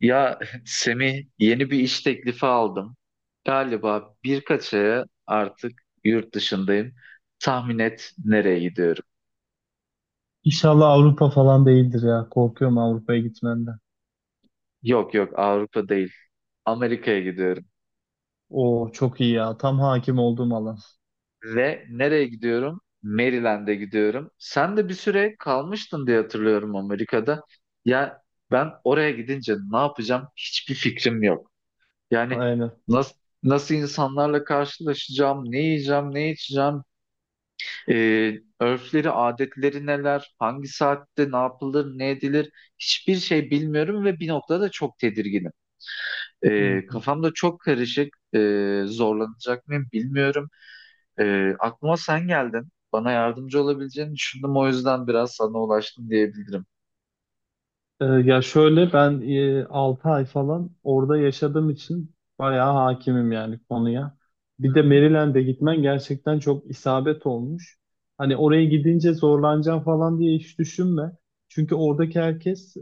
Ya Semih yeni bir iş teklifi aldım. Galiba birkaç aya artık yurt dışındayım. Tahmin et nereye gidiyorum? İnşallah Avrupa falan değildir ya. Korkuyorum Avrupa'ya gitmenden. Yok yok, Avrupa değil. Amerika'ya gidiyorum. Oo çok iyi ya. Tam hakim olduğum alan. Ve nereye gidiyorum? Maryland'e gidiyorum. Sen de bir süre kalmıştın diye hatırlıyorum Amerika'da. Ya ben oraya gidince ne yapacağım? Hiçbir fikrim yok. Yani Aynen. nasıl nasıl insanlarla karşılaşacağım, ne yiyeceğim, ne içeceğim. Örfleri, adetleri neler, hangi saatte ne yapılır, ne edilir, hiçbir şey bilmiyorum ve bir noktada çok tedirginim. Hı hı. Kafamda çok karışık, zorlanacak mıyım bilmiyorum. Aklıma sen geldin, bana yardımcı olabileceğini düşündüm, o yüzden biraz sana ulaştım diyebilirim. Ya şöyle ben 6 ay falan orada yaşadığım için bayağı hakimim yani konuya. Bir de Maryland'e gitmen gerçekten çok isabet olmuş. Hani oraya gidince zorlanacağım falan diye hiç düşünme. Çünkü oradaki herkes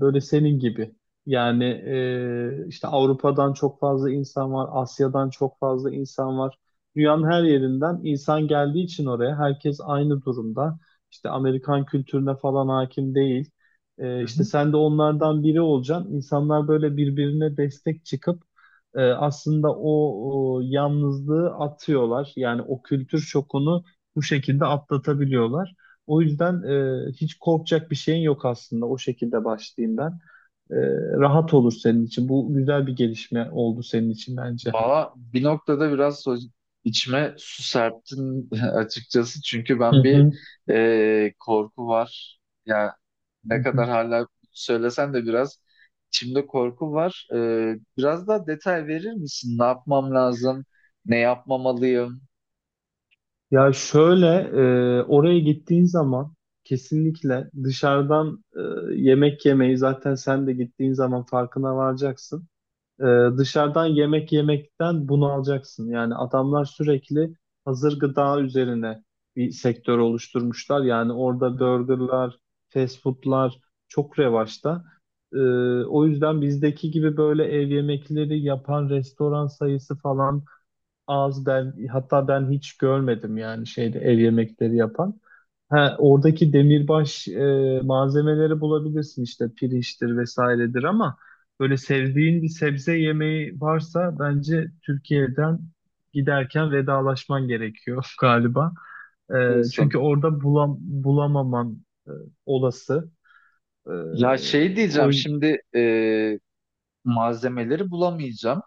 böyle senin gibi. Yani işte Avrupa'dan çok fazla insan var, Asya'dan çok fazla insan var. Dünyanın her yerinden insan geldiği için oraya herkes aynı durumda. İşte Amerikan kültürüne falan hakim değil. İşte sen de onlardan biri olacaksın. İnsanlar böyle birbirine destek çıkıp aslında o yalnızlığı atıyorlar. Yani o kültür şokunu bu şekilde atlatabiliyorlar. O yüzden hiç korkacak bir şeyin yok aslında. O şekilde başlayayım ben. E, Rahat olur senin için. Bu güzel bir gelişme oldu senin için bence. Valla bir noktada biraz içime su serptin açıkçası. Çünkü Hı ben bir hı. Korku var. Ya Hı ne hı. kadar hala söylesen de biraz içimde korku var. Biraz daha detay verir misin? Ne yapmam lazım? Ne yapmamalıyım? Ya şöyle oraya gittiğin zaman kesinlikle dışarıdan yemek yemeyi zaten sen de gittiğin zaman farkına varacaksın. E, Dışarıdan yemek yemekten bunu alacaksın. Yani adamlar sürekli hazır gıda üzerine bir sektör oluşturmuşlar. Yani orada Hı. burgerlar, fast foodlar çok revaçta. E, O yüzden bizdeki gibi böyle ev yemekleri yapan restoran sayısı falan az, hatta ben hiç görmedim yani şeyde ev yemekleri yapan. Ha, oradaki demirbaş malzemeleri bulabilirsin işte pirinçtir vesairedir ama böyle sevdiğin bir sebze yemeği varsa bence Türkiye'den giderken vedalaşman gerekiyor galiba. Diyorsun. Çünkü orada bulamaman olası. E, Ya şey diyeceğim o şimdi, malzemeleri bulamayacağım.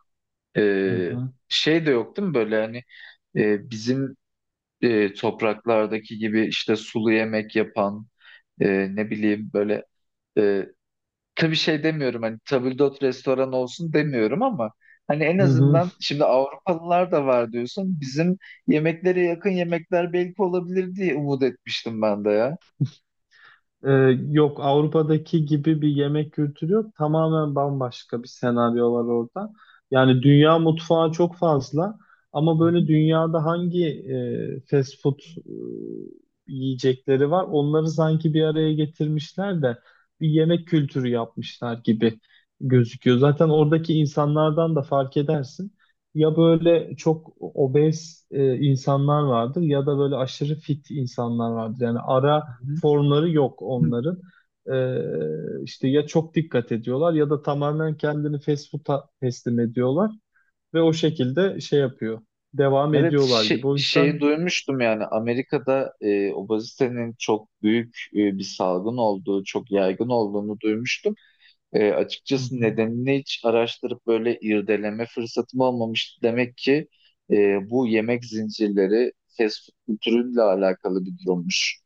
E, Hı hı. Şey de yok değil mi, böyle hani bizim topraklardaki gibi, işte sulu yemek yapan, e, ne bileyim böyle, e, tabii şey demiyorum, hani tabldot restoran olsun demiyorum ama hani en Hı hı. azından şimdi Avrupalılar da var diyorsun, bizim yemeklere yakın yemekler belki olabilir diye umut etmiştim ben de ya. Ee, Yok, Avrupa'daki gibi bir yemek kültürü yok. Tamamen bambaşka bir senaryo var orada. Yani dünya mutfağı çok fazla, ama Hı böyle dünyada hangi fast food yiyecekleri var, onları sanki bir araya getirmişler de bir yemek kültürü yapmışlar gibi gözüküyor. Zaten oradaki insanlardan da fark edersin. Ya böyle çok obez insanlar vardır ya da böyle aşırı fit insanlar vardır. Yani ara hı, formları yok hı hı. onların. İşte ya çok dikkat ediyorlar ya da tamamen kendini fast food'a teslim ediyorlar ve o şekilde şey yapıyor. Devam Evet ediyorlar şey, gibi. O şeyi yüzden. duymuştum, yani Amerika'da obezitenin çok büyük bir salgın olduğu, çok yaygın olduğunu duymuştum. Hı Açıkçası hı. nedenini hiç araştırıp böyle irdeleme fırsatım olmamıştı. Demek ki e, bu yemek zincirleri fast food kültürüyle alakalı bir durummuş.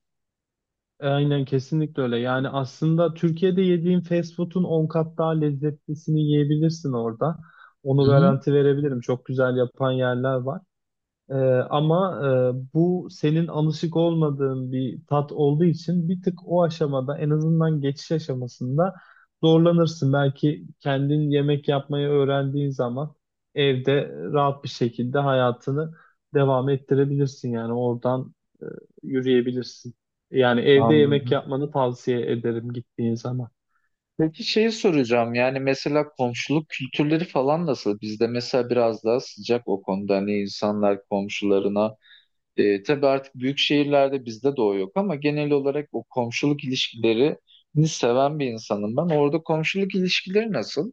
Aynen, kesinlikle öyle. Yani aslında Türkiye'de yediğin fast food'un 10 kat daha lezzetlisini yiyebilirsin orada. Onu Hı hı. garanti verebilirim. Çok güzel yapan yerler var. Ee, Ama bu senin alışık olmadığın bir tat olduğu için bir tık o aşamada, en azından geçiş aşamasında zorlanırsın. Belki kendin yemek yapmayı öğrendiğin zaman evde rahat bir şekilde hayatını devam ettirebilirsin. Yani oradan e, yürüyebilirsin. Yani evde yemek Anladım. yapmanı tavsiye ederim gittiğin zaman. Peki şeyi soracağım, yani mesela komşuluk kültürleri falan nasıl? Bizde mesela biraz daha sıcak o konuda, hani insanlar komşularına, tabii artık büyük şehirlerde bizde de o yok ama genel olarak o komşuluk ilişkilerini seven bir insanım ben. Orada komşuluk ilişkileri nasıl?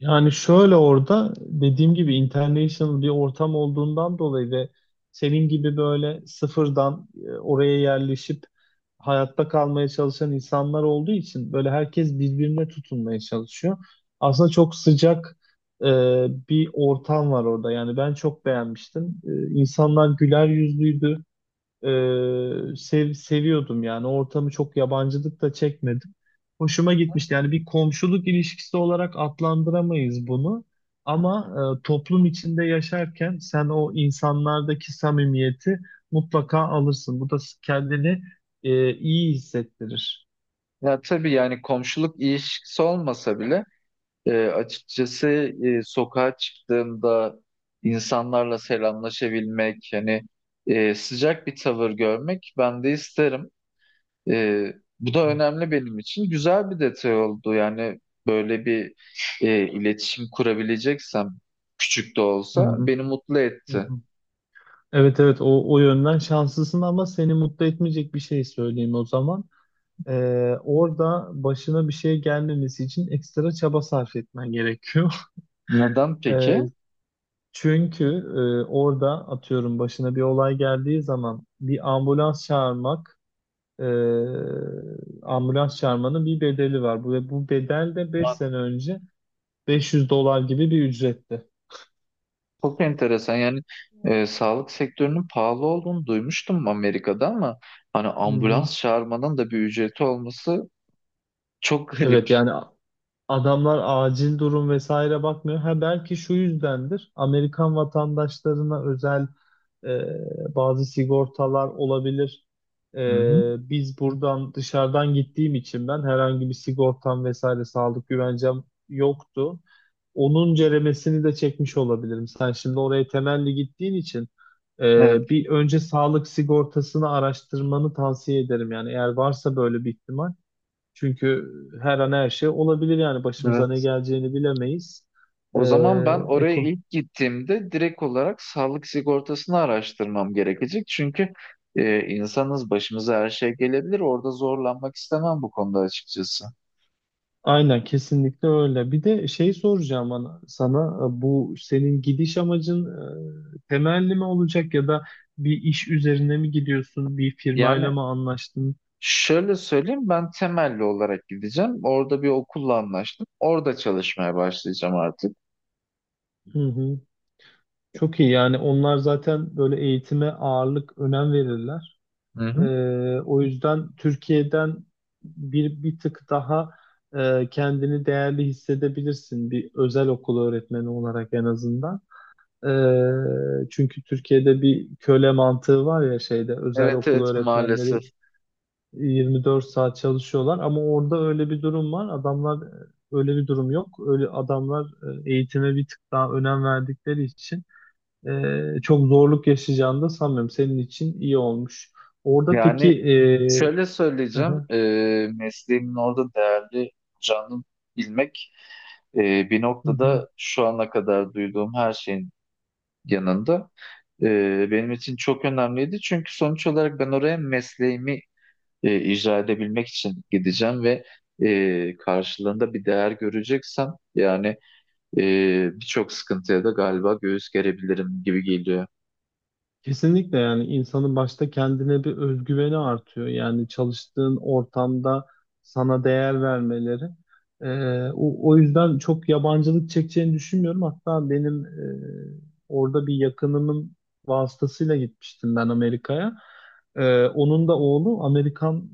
Yani şöyle, orada dediğim gibi international bir ortam olduğundan dolayı ve senin gibi böyle sıfırdan oraya yerleşip hayatta kalmaya çalışan insanlar olduğu için böyle herkes birbirine tutunmaya çalışıyor. Aslında çok sıcak e, bir ortam var orada. Yani ben çok beğenmiştim. İnsanlar güler yüzlüydü. Seviyordum yani. O ortamı çok, yabancılık da çekmedim. Hoşuma gitmişti. Yani bir komşuluk ilişkisi olarak adlandıramayız bunu. Ama toplum içinde yaşarken sen o insanlardaki samimiyeti mutlaka alırsın. Bu da kendini iyi hissettirir. Ya tabii, yani komşuluk ilişkisi olmasa bile, açıkçası, sokağa çıktığımda insanlarla selamlaşabilmek, hani sıcak bir tavır görmek ben de isterim. E, Bu da Hı önemli benim için. Güzel bir detay oldu yani, böyle bir iletişim kurabileceksem, küçük de hı, olsa beni mutlu hı etti. hı. Evet, evet, o yönden şanslısın, ama seni mutlu etmeyecek bir şey söyleyeyim o zaman. Orada başına bir şey gelmemesi için ekstra çaba sarf etmen gerekiyor. Neden peki? Ee, Çünkü orada, atıyorum, başına bir olay geldiği zaman bir ambulans çağırmak, e, ambulans çağırmanın bir bedeli var. Ve bu bedel de 5 sene önce 500 dolar gibi bir ücretti. Çok enteresan yani, sağlık sektörünün pahalı olduğunu duymuştum Amerika'da ama hani Hı hı. ambulans çağırmanın da bir ücreti olması çok garip. Evet, yani adamlar acil durum vesaire bakmıyor. Ha, belki şu yüzdendir. Amerikan vatandaşlarına özel bazı sigortalar olabilir. Hı hı. Biz buradan, dışarıdan gittiğim için ben herhangi bir sigortam vesaire sağlık güvencem yoktu. Onun ceremesini de çekmiş olabilirim. Sen şimdi oraya temelli gittiğin için Evet, bir önce sağlık sigortasını araştırmanı tavsiye ederim. Yani eğer varsa böyle bir ihtimal. Çünkü her an her şey olabilir, yani başımıza ne evet. geleceğini bilemeyiz. Ee, O zaman ben oraya eko. ilk gittiğimde direkt olarak sağlık sigortasını araştırmam gerekecek. Çünkü insanız, başımıza her şey gelebilir. Orada zorlanmak istemem bu konuda açıkçası. Aynen, kesinlikle öyle. Bir de şey soracağım sana, bu senin gidiş amacın temelli mi olacak ya da bir iş üzerine mi gidiyorsun? Bir firmayla Yani mı anlaştın? şöyle söyleyeyim, ben temelli olarak gideceğim. Orada bir okulla anlaştım. Orada çalışmaya başlayacağım artık. Hı hı. Çok iyi yani, onlar zaten böyle eğitime ağırlık, önem verirler. Hı hı. O yüzden Türkiye'den bir tık daha kendini değerli hissedebilirsin, bir özel okul öğretmeni olarak en azından. Çünkü Türkiye'de bir köle mantığı var ya, şeyde özel Evet okul evet, maalesef. öğretmenleri 24 saat çalışıyorlar, ama orada öyle bir durum var. Adamlar, öyle bir durum yok. Öyle adamlar eğitime bir tık daha önem verdikleri için çok zorluk yaşayacağını da sanmıyorum. Senin için iyi olmuş. Orada Yani peki. şöyle Hı söyleyeceğim. hı, Mesleğimin orada değerli canını bilmek, bir hı hı. noktada şu ana kadar duyduğum her şeyin yanında, benim için çok önemliydi. Çünkü sonuç olarak ben oraya mesleğimi icra edebilmek için gideceğim ve karşılığında bir değer göreceksem, yani birçok sıkıntıya da galiba göğüs gerebilirim gibi geliyor. Kesinlikle, yani insanın başta kendine bir özgüveni artıyor. Yani çalıştığın ortamda sana değer vermeleri. O yüzden çok yabancılık çekeceğini düşünmüyorum. Hatta benim orada bir yakınımın vasıtasıyla gitmiştim ben Amerika'ya. Onun da oğlu Amerikan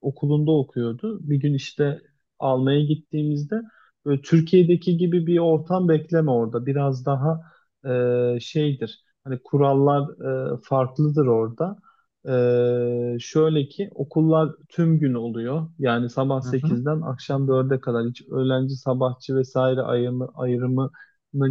okulunda okuyordu. Bir gün işte almaya gittiğimizde, böyle Türkiye'deki gibi bir ortam bekleme orada. Biraz daha şeydir. Hani kurallar farklıdır orada. Şöyle ki okullar tüm gün oluyor. Yani sabah Hı hı. 8'den akşam 4'e kadar hiç öğlenci, sabahçı vesaire ayrımını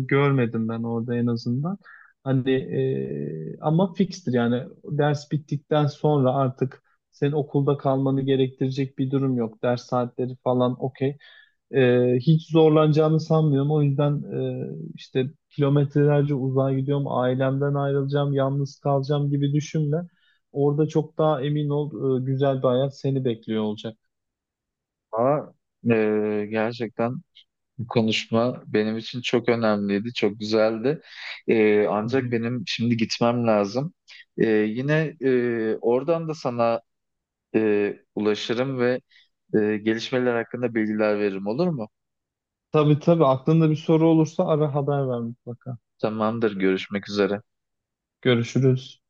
görmedim ben orada en azından. Hani ama fikstir yani, ders bittikten sonra artık senin okulda kalmanı gerektirecek bir durum yok. Ders saatleri falan okey. Hiç zorlanacağını sanmıyorum. O yüzden işte kilometrelerce uzağa gidiyorum, ailemden ayrılacağım, yalnız kalacağım gibi düşünme. Orada çok daha emin ol, güzel bir hayat seni bekliyor olacak. Ama gerçekten konuşma benim için çok önemliydi, çok güzeldi. Hı Ancak hı. benim şimdi gitmem lazım. Yine oradan da sana ulaşırım ve gelişmeler hakkında bilgiler veririm, olur mu? Tabii, tabii, aklında bir soru olursa ara, haber ver mutlaka. Tamamdır, görüşmek üzere. Görüşürüz.